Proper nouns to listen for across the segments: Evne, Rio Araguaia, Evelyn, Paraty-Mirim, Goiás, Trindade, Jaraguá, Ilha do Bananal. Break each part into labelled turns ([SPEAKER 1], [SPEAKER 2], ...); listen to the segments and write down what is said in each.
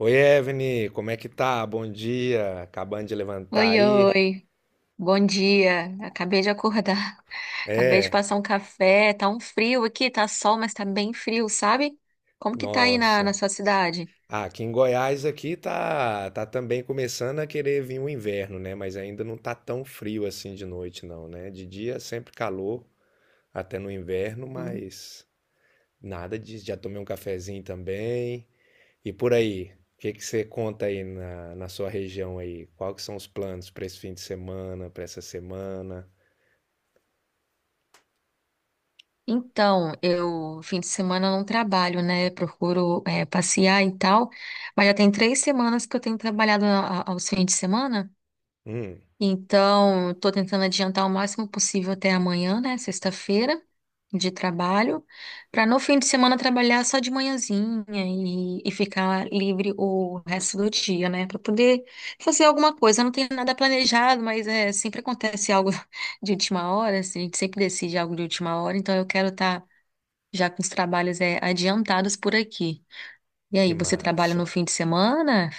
[SPEAKER 1] Oi, Evne, como é que tá? Bom dia. Acabando de levantar
[SPEAKER 2] Oi,
[SPEAKER 1] aí?
[SPEAKER 2] oi. Bom dia. Acabei de acordar. Acabei de
[SPEAKER 1] É,
[SPEAKER 2] passar um café. Tá um frio aqui, tá sol, mas tá bem frio, sabe? Como que tá aí na
[SPEAKER 1] nossa.
[SPEAKER 2] sua cidade?
[SPEAKER 1] Ah, aqui em Goiás aqui tá também começando a querer vir o inverno, né? Mas ainda não tá tão frio assim de noite não, né? De dia sempre calor, até no inverno,
[SPEAKER 2] Hum.
[SPEAKER 1] mas nada disso. Já tomei um cafezinho também. E por aí, o que que você conta aí na sua região aí? Qual que são os planos para esse fim de semana, para essa semana?
[SPEAKER 2] Então, eu, fim de semana, eu não trabalho, né? Procuro, é, passear e tal. Mas já tem 3 semanas que eu tenho trabalhado aos fins de semana.
[SPEAKER 1] Hum,
[SPEAKER 2] Então, estou tentando adiantar o máximo possível até amanhã, né, sexta-feira, de trabalho, para no fim de semana trabalhar só de manhãzinha e ficar livre o resto do dia, né, para poder fazer alguma coisa. Não tem nada planejado, mas é, sempre acontece algo de última hora, assim, a gente sempre decide algo de última hora, então eu quero estar já com os trabalhos é, adiantados por aqui. E
[SPEAKER 1] que
[SPEAKER 2] aí, você trabalha no
[SPEAKER 1] massa.
[SPEAKER 2] fim de semana?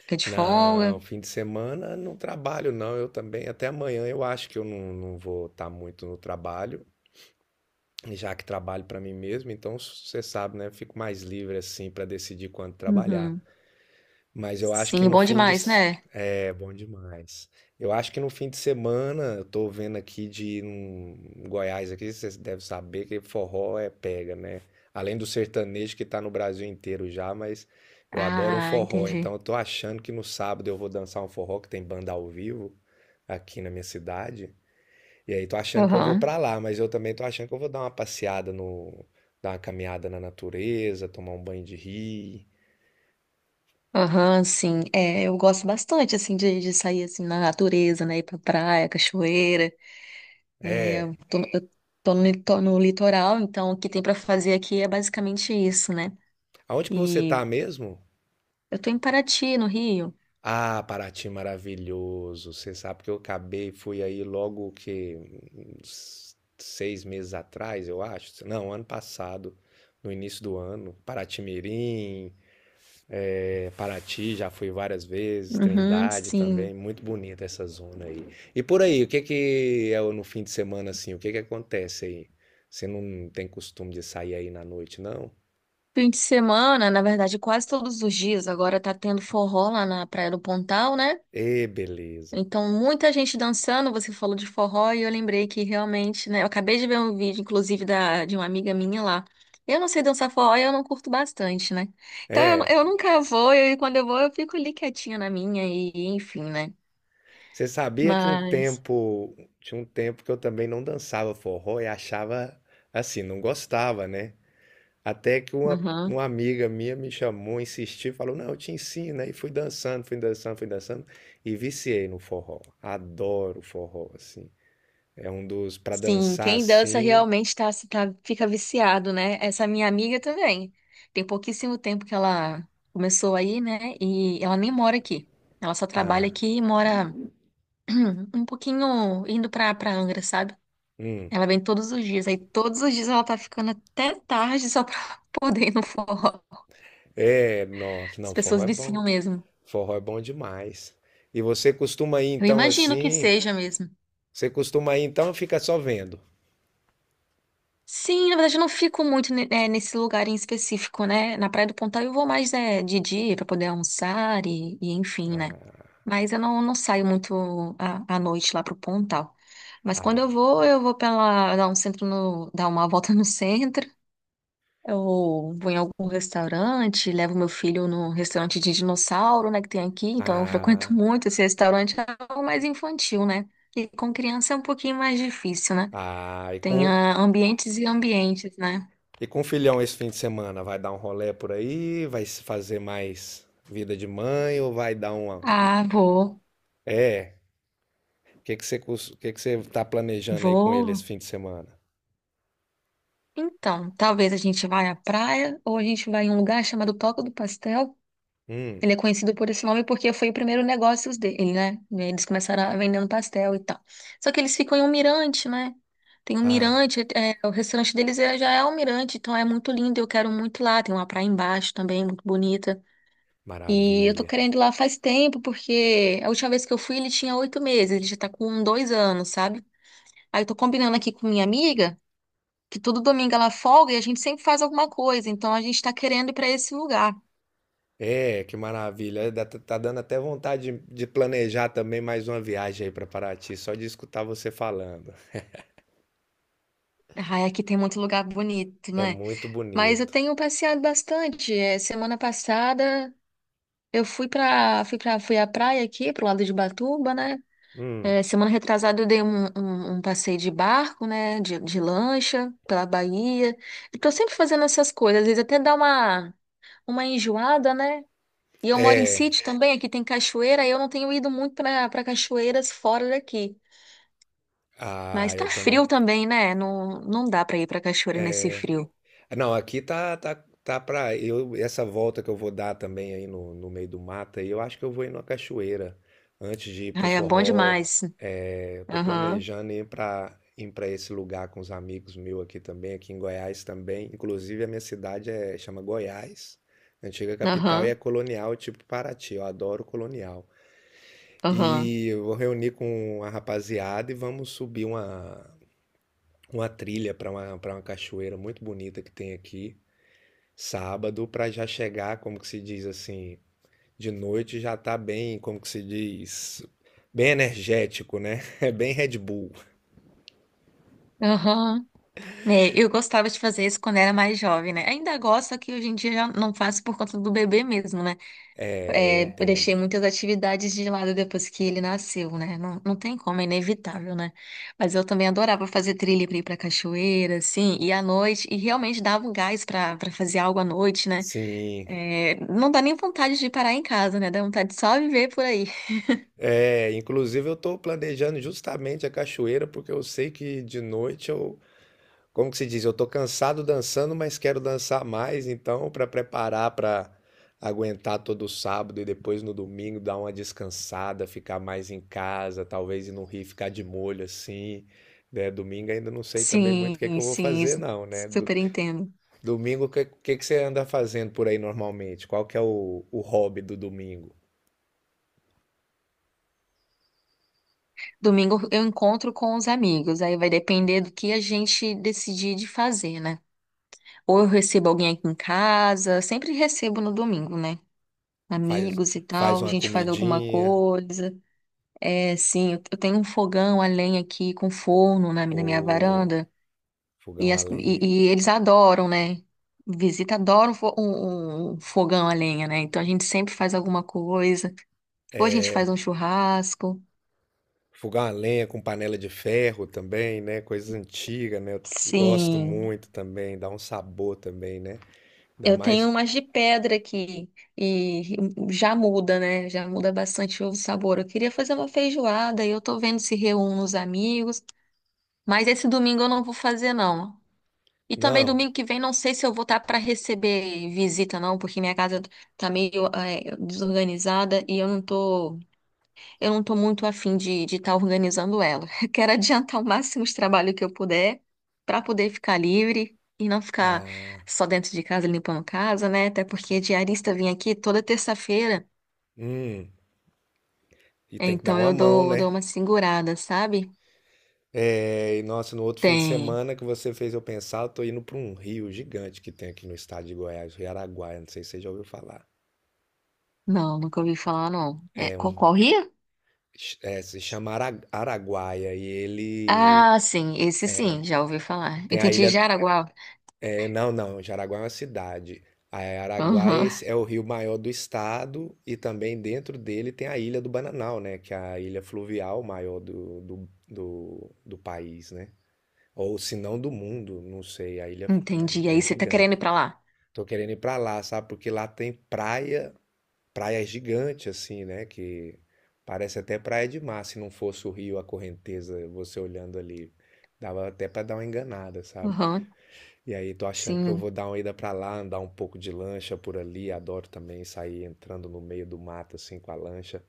[SPEAKER 2] Fica de folga?
[SPEAKER 1] Não, fim de semana não trabalho não, eu também até amanhã eu acho que eu não vou estar muito no trabalho, já que trabalho para mim mesmo, então você sabe, né, eu fico mais livre assim para decidir quando trabalhar.
[SPEAKER 2] Uhum.
[SPEAKER 1] Mas eu acho que
[SPEAKER 2] Sim,
[SPEAKER 1] no
[SPEAKER 2] bom
[SPEAKER 1] fim de.
[SPEAKER 2] demais,
[SPEAKER 1] S-
[SPEAKER 2] né?
[SPEAKER 1] É, bom demais. Eu acho que no fim de semana, eu tô vendo aqui de ir num em Goiás aqui, vocês devem saber que forró é pega, né? Além do sertanejo que tá no Brasil inteiro já, mas eu adoro um
[SPEAKER 2] Ah,
[SPEAKER 1] forró, então
[SPEAKER 2] entendi.
[SPEAKER 1] eu tô achando que no sábado eu vou dançar um forró que tem banda ao vivo aqui na minha cidade. E aí tô achando que eu vou
[SPEAKER 2] Aham.
[SPEAKER 1] pra lá, mas eu também tô achando que eu vou dar uma passeada no, dar uma caminhada na natureza, tomar um banho de rio.
[SPEAKER 2] Aham, sim. É, eu gosto bastante, assim, de sair, assim, na natureza, né? Ir pra praia, cachoeira. É,
[SPEAKER 1] É.
[SPEAKER 2] eu tô, eu tô no litoral, então o que tem pra fazer aqui é basicamente isso, né?
[SPEAKER 1] Aonde que você
[SPEAKER 2] E
[SPEAKER 1] tá mesmo?
[SPEAKER 2] eu tô em Paraty, no Rio.
[SPEAKER 1] Ah, Paraty maravilhoso. Você sabe que eu acabei, fui aí logo que uns 6 meses atrás, eu acho. Não, ano passado, no início do ano. Paraty-Mirim, é, Paraty, já fui várias vezes.
[SPEAKER 2] Uhum,
[SPEAKER 1] Trindade também,
[SPEAKER 2] sim.
[SPEAKER 1] muito bonita essa zona aí. E por aí, o que que é no fim de semana assim? O que que acontece aí? Você não tem costume de sair aí na noite, não?
[SPEAKER 2] Fim de semana, na verdade, quase todos os dias. Agora tá tendo forró lá na Praia do Pontal, né?
[SPEAKER 1] Ê, beleza.
[SPEAKER 2] Então, muita gente dançando, você falou de forró e eu lembrei que realmente, né? Eu acabei de ver um vídeo, inclusive, da, de uma amiga minha lá. Eu não sei dançar forró e eu não curto bastante, né? Então,
[SPEAKER 1] É.
[SPEAKER 2] eu nunca vou e quando eu vou eu fico ali quietinha na minha e enfim, né?
[SPEAKER 1] Você sabia que
[SPEAKER 2] Mas,
[SPEAKER 1] tinha um tempo que eu também não dançava forró e achava assim, não gostava, né? Até que uma,
[SPEAKER 2] uhum.
[SPEAKER 1] uma amiga minha me chamou, insistiu, falou: Não, eu te ensino. Né? E fui dançando, fui dançando, fui dançando e viciei no forró. Adoro forró, assim. É um dos, para
[SPEAKER 2] Sim,
[SPEAKER 1] dançar
[SPEAKER 2] quem dança
[SPEAKER 1] assim.
[SPEAKER 2] realmente fica viciado, né? Essa minha amiga também. Tem pouquíssimo tempo que ela começou aí, né? E ela nem mora aqui. Ela só trabalha
[SPEAKER 1] Ah,
[SPEAKER 2] aqui e mora um pouquinho indo pra Angra, sabe?
[SPEAKER 1] hum.
[SPEAKER 2] Ela vem todos os dias. Aí todos os dias ela tá ficando até tarde só pra poder ir no forró.
[SPEAKER 1] É, nossa,
[SPEAKER 2] As
[SPEAKER 1] não,
[SPEAKER 2] pessoas viciam mesmo.
[SPEAKER 1] forró é bom demais. E você costuma ir
[SPEAKER 2] Eu
[SPEAKER 1] então
[SPEAKER 2] imagino que
[SPEAKER 1] assim?
[SPEAKER 2] seja mesmo.
[SPEAKER 1] Você costuma ir então, ou fica só vendo.
[SPEAKER 2] Sim, na verdade eu não fico muito nesse lugar em específico, né? Na Praia do Pontal eu vou mais de dia pra poder almoçar e enfim, né?
[SPEAKER 1] Ah,
[SPEAKER 2] Mas eu não saio muito à noite lá pro Pontal. Mas quando
[SPEAKER 1] ah.
[SPEAKER 2] eu vou pela, dar um centro no, dar uma volta no centro. Eu vou em algum restaurante, levo meu filho num restaurante de dinossauro, né, que tem aqui, então eu frequento
[SPEAKER 1] Ah,
[SPEAKER 2] muito esse restaurante, é algo mais infantil, né? E com criança é um pouquinho mais difícil, né?
[SPEAKER 1] ah, e
[SPEAKER 2] Tem
[SPEAKER 1] com,
[SPEAKER 2] ambientes e ambientes, né?
[SPEAKER 1] e com o filhão esse fim de semana? Vai dar um rolê por aí? Vai se fazer mais vida de mãe ou vai dar uma.
[SPEAKER 2] Ah, vou,
[SPEAKER 1] É, o que que você, cus- que você tá planejando aí com ele esse
[SPEAKER 2] vou.
[SPEAKER 1] fim de semana?
[SPEAKER 2] Então, talvez a gente vá à praia ou a gente vai em um lugar chamado Toca do Pastel.
[SPEAKER 1] Hum,
[SPEAKER 2] Ele é conhecido por esse nome porque foi o primeiro negócio dele, né? Eles começaram vendendo pastel e tal. Só que eles ficam em um mirante, né? Tem um
[SPEAKER 1] ah,
[SPEAKER 2] mirante, o restaurante deles já é um mirante, então é muito lindo, eu quero muito lá. Tem uma praia embaixo também, muito bonita. E eu tô
[SPEAKER 1] maravilha.
[SPEAKER 2] querendo ir lá faz tempo, porque a última vez que eu fui ele tinha 8 meses, ele já tá com 2 anos, sabe? Aí eu tô combinando aqui com minha amiga que todo domingo ela folga e a gente sempre faz alguma coisa, então a gente tá querendo ir pra esse lugar.
[SPEAKER 1] É, que maravilha. Tá dando até vontade de planejar também mais uma viagem aí para Paraty, só de escutar você falando.
[SPEAKER 2] Ai, aqui tem muito lugar bonito,
[SPEAKER 1] É
[SPEAKER 2] né?
[SPEAKER 1] muito
[SPEAKER 2] Mas eu
[SPEAKER 1] bonito.
[SPEAKER 2] tenho passeado bastante. É, semana passada eu fui à praia aqui pro lado de Batuba, né?
[SPEAKER 1] Hum,
[SPEAKER 2] É, semana retrasada eu dei um passeio de barco, né? De lancha pela Bahia. Eu tô sempre fazendo essas coisas, às vezes até dá uma enjoada, né? E eu moro em
[SPEAKER 1] é.
[SPEAKER 2] sítio também, aqui tem cachoeira, e eu não tenho ido muito para cachoeiras fora daqui.
[SPEAKER 1] Ah,
[SPEAKER 2] Mas tá
[SPEAKER 1] eu também.
[SPEAKER 2] frio também, né? Não, não dá para ir para cachoeira nesse frio.
[SPEAKER 1] É, não, aqui tá para eu essa volta que eu vou dar também aí no meio do mato, aí eu acho que eu vou ir numa cachoeira antes de ir pro
[SPEAKER 2] Ai, é bom
[SPEAKER 1] forró.
[SPEAKER 2] demais.
[SPEAKER 1] É, eu tô
[SPEAKER 2] Aham,
[SPEAKER 1] planejando ir para esse lugar com os amigos meus aqui também, aqui em Goiás também. Inclusive a minha cidade é chama Goiás, antiga capital e é
[SPEAKER 2] aham.
[SPEAKER 1] colonial, tipo Paraty. Eu adoro colonial.
[SPEAKER 2] Aham,
[SPEAKER 1] E eu vou reunir com a rapaziada e vamos subir uma trilha para uma cachoeira muito bonita que tem aqui. Sábado para já chegar, como que se diz assim, de noite já tá bem, como que se diz, bem energético, né? É bem Red Bull.
[SPEAKER 2] aham. né eu gostava de fazer isso quando era mais jovem, né? Ainda gosto, só que hoje em dia já não faço por conta do bebê mesmo, né?
[SPEAKER 1] É, eu
[SPEAKER 2] É, eu
[SPEAKER 1] entendo.
[SPEAKER 2] deixei muitas atividades de lado depois que ele nasceu, né? Não, não tem como, é inevitável, né? Mas eu também adorava fazer trilha pra ir pra cachoeira, assim, e à noite, e realmente dava um gás pra fazer algo à noite, né?
[SPEAKER 1] Sim.
[SPEAKER 2] É, não dá nem vontade de parar em casa, né? Dá vontade de só viver por aí.
[SPEAKER 1] É, inclusive eu tô planejando justamente a cachoeira porque eu sei que de noite eu. Como que se diz? Eu tô cansado dançando, mas quero dançar mais, então, para preparar para aguentar todo sábado e depois no domingo dar uma descansada, ficar mais em casa, talvez ir no Rio ficar de molho assim. Né? Domingo ainda não sei também muito o que é que
[SPEAKER 2] Sim,
[SPEAKER 1] eu vou
[SPEAKER 2] sim,
[SPEAKER 1] fazer, não, né?
[SPEAKER 2] super entendo.
[SPEAKER 1] Domingo, que você anda fazendo por aí normalmente? Qual que é o hobby do domingo?
[SPEAKER 2] Domingo eu encontro com os amigos, aí vai depender do que a gente decidir de fazer, né? Ou eu recebo alguém aqui em casa, sempre recebo no domingo, né?
[SPEAKER 1] Faz,
[SPEAKER 2] Amigos e
[SPEAKER 1] faz
[SPEAKER 2] tal, a
[SPEAKER 1] uma
[SPEAKER 2] gente faz alguma
[SPEAKER 1] comidinha
[SPEAKER 2] coisa. É, sim, eu tenho um fogão a lenha aqui com forno na minha
[SPEAKER 1] ou
[SPEAKER 2] varanda e,
[SPEAKER 1] fogão a
[SPEAKER 2] as-
[SPEAKER 1] lenha?
[SPEAKER 2] e- e eles adoram, né? Visita adoram um fogão a lenha, né? Então a gente sempre faz alguma coisa. Ou a gente faz um churrasco.
[SPEAKER 1] Fogão a lenha com panela de ferro também, né? Coisa antiga, né? Eu gosto
[SPEAKER 2] Sim.
[SPEAKER 1] muito também, dá um sabor também, né? Dá
[SPEAKER 2] Eu tenho
[SPEAKER 1] mais.
[SPEAKER 2] umas de pedra aqui e já muda, né? Já muda bastante o sabor. Eu queria fazer uma feijoada e eu tô vendo se reúno os amigos, mas esse domingo eu não vou fazer não. E também
[SPEAKER 1] Não.
[SPEAKER 2] domingo que vem não sei se eu vou estar para receber visita não, porque minha casa tá meio desorganizada e eu não estou muito afim de tá organizando ela. Quero adiantar o máximo de trabalho que eu puder para poder ficar livre e não ficar
[SPEAKER 1] Ah,
[SPEAKER 2] só dentro de casa limpando casa, né? Até porque diarista vem aqui toda terça-feira,
[SPEAKER 1] hum. E tem que dar
[SPEAKER 2] então
[SPEAKER 1] uma
[SPEAKER 2] eu
[SPEAKER 1] mão,
[SPEAKER 2] dou
[SPEAKER 1] né?
[SPEAKER 2] uma segurada, sabe?
[SPEAKER 1] É, e nossa, no outro fim de
[SPEAKER 2] Tem.
[SPEAKER 1] semana que você fez eu pensar, eu tô indo para um rio gigante que tem aqui no estado de Goiás, Rio Araguaia, não sei se você já ouviu falar.
[SPEAKER 2] Não, nunca ouvi falar, não. É,
[SPEAKER 1] É
[SPEAKER 2] qual,
[SPEAKER 1] um,
[SPEAKER 2] qual rio?
[SPEAKER 1] se chama Araguaia e ele
[SPEAKER 2] Ah, sim, esse sim, já ouvi falar.
[SPEAKER 1] tem a
[SPEAKER 2] Entendi,
[SPEAKER 1] ilha.
[SPEAKER 2] Jaraguá.
[SPEAKER 1] É, não, não, Jaraguá é uma cidade. A Araguaia é
[SPEAKER 2] Aham,
[SPEAKER 1] é o rio maior do estado e também dentro dele tem a Ilha do Bananal, né? Que é a ilha fluvial maior do país, né? Ou se não do mundo, não sei. A ilha
[SPEAKER 2] entendi.
[SPEAKER 1] é
[SPEAKER 2] Aí você tá querendo
[SPEAKER 1] gigante.
[SPEAKER 2] ir pra lá?
[SPEAKER 1] Tô querendo ir pra lá, sabe? Porque lá tem praia, praia gigante, assim, né? Que parece até praia de mar. Se não fosse o rio, a correnteza, você olhando ali, dava até pra dar uma enganada, sabe?
[SPEAKER 2] Aham,
[SPEAKER 1] E aí, tô achando que eu vou
[SPEAKER 2] sim.
[SPEAKER 1] dar uma ida pra lá, andar um pouco de lancha por ali. Adoro também sair entrando no meio do mato assim com a lancha.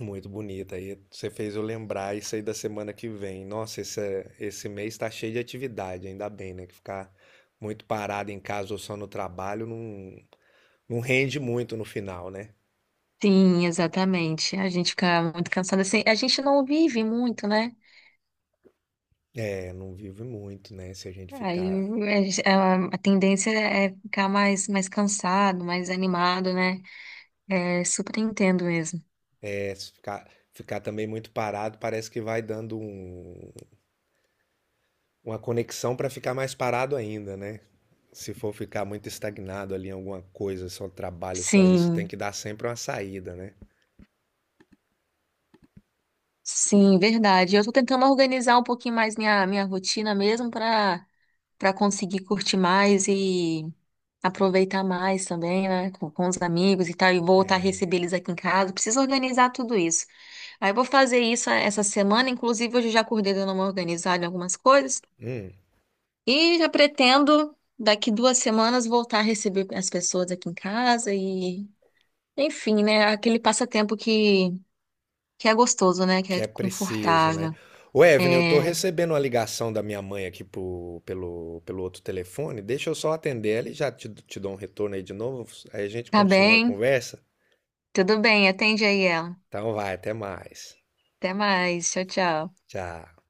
[SPEAKER 1] Muito bonita. Aí você fez eu lembrar isso aí da semana que vem. Nossa, esse mês tá cheio de atividade, ainda bem, né? Que ficar muito parado em casa ou só no trabalho não rende muito no final, né?
[SPEAKER 2] Sim, exatamente. A gente fica muito cansada. Assim, a gente não vive muito, né?
[SPEAKER 1] É, não vive muito, né? Se a gente
[SPEAKER 2] Aí
[SPEAKER 1] ficar,
[SPEAKER 2] a tendência é ficar mais cansado, mais animado, né? É super entendo mesmo.
[SPEAKER 1] é, se ficar, Ficar também muito parado, parece que vai dando um. Uma conexão para ficar mais parado ainda, né? Se for ficar muito estagnado ali em alguma coisa, só trabalho, só isso, tem
[SPEAKER 2] Sim,
[SPEAKER 1] que dar sempre uma saída, né?
[SPEAKER 2] sim, verdade. Eu tô tentando organizar um pouquinho mais minha rotina mesmo para conseguir curtir mais e aproveitar mais também, né, com os amigos e tal, e voltar a
[SPEAKER 1] É,
[SPEAKER 2] receber eles aqui em casa. Preciso organizar tudo isso. Aí eu vou fazer isso essa semana, inclusive hoje eu já acordei dando uma organizada em algumas coisas
[SPEAKER 1] hum,
[SPEAKER 2] e já pretendo daqui 2 semanas voltar a receber as pessoas aqui em casa e, enfim, né, aquele passatempo que é gostoso, né, que
[SPEAKER 1] que
[SPEAKER 2] é
[SPEAKER 1] é preciso, né?
[SPEAKER 2] confortável.
[SPEAKER 1] Ô, Evelyn, eu tô
[SPEAKER 2] É,
[SPEAKER 1] recebendo uma ligação da minha mãe aqui pelo outro telefone. Deixa eu só atender ela e já te dou um retorno aí de novo. Aí a gente
[SPEAKER 2] tá
[SPEAKER 1] continua a
[SPEAKER 2] bem,
[SPEAKER 1] conversa.
[SPEAKER 2] tudo bem, atende aí ela.
[SPEAKER 1] Então vai, até mais.
[SPEAKER 2] Até mais, tchau, tchau.
[SPEAKER 1] Tchau.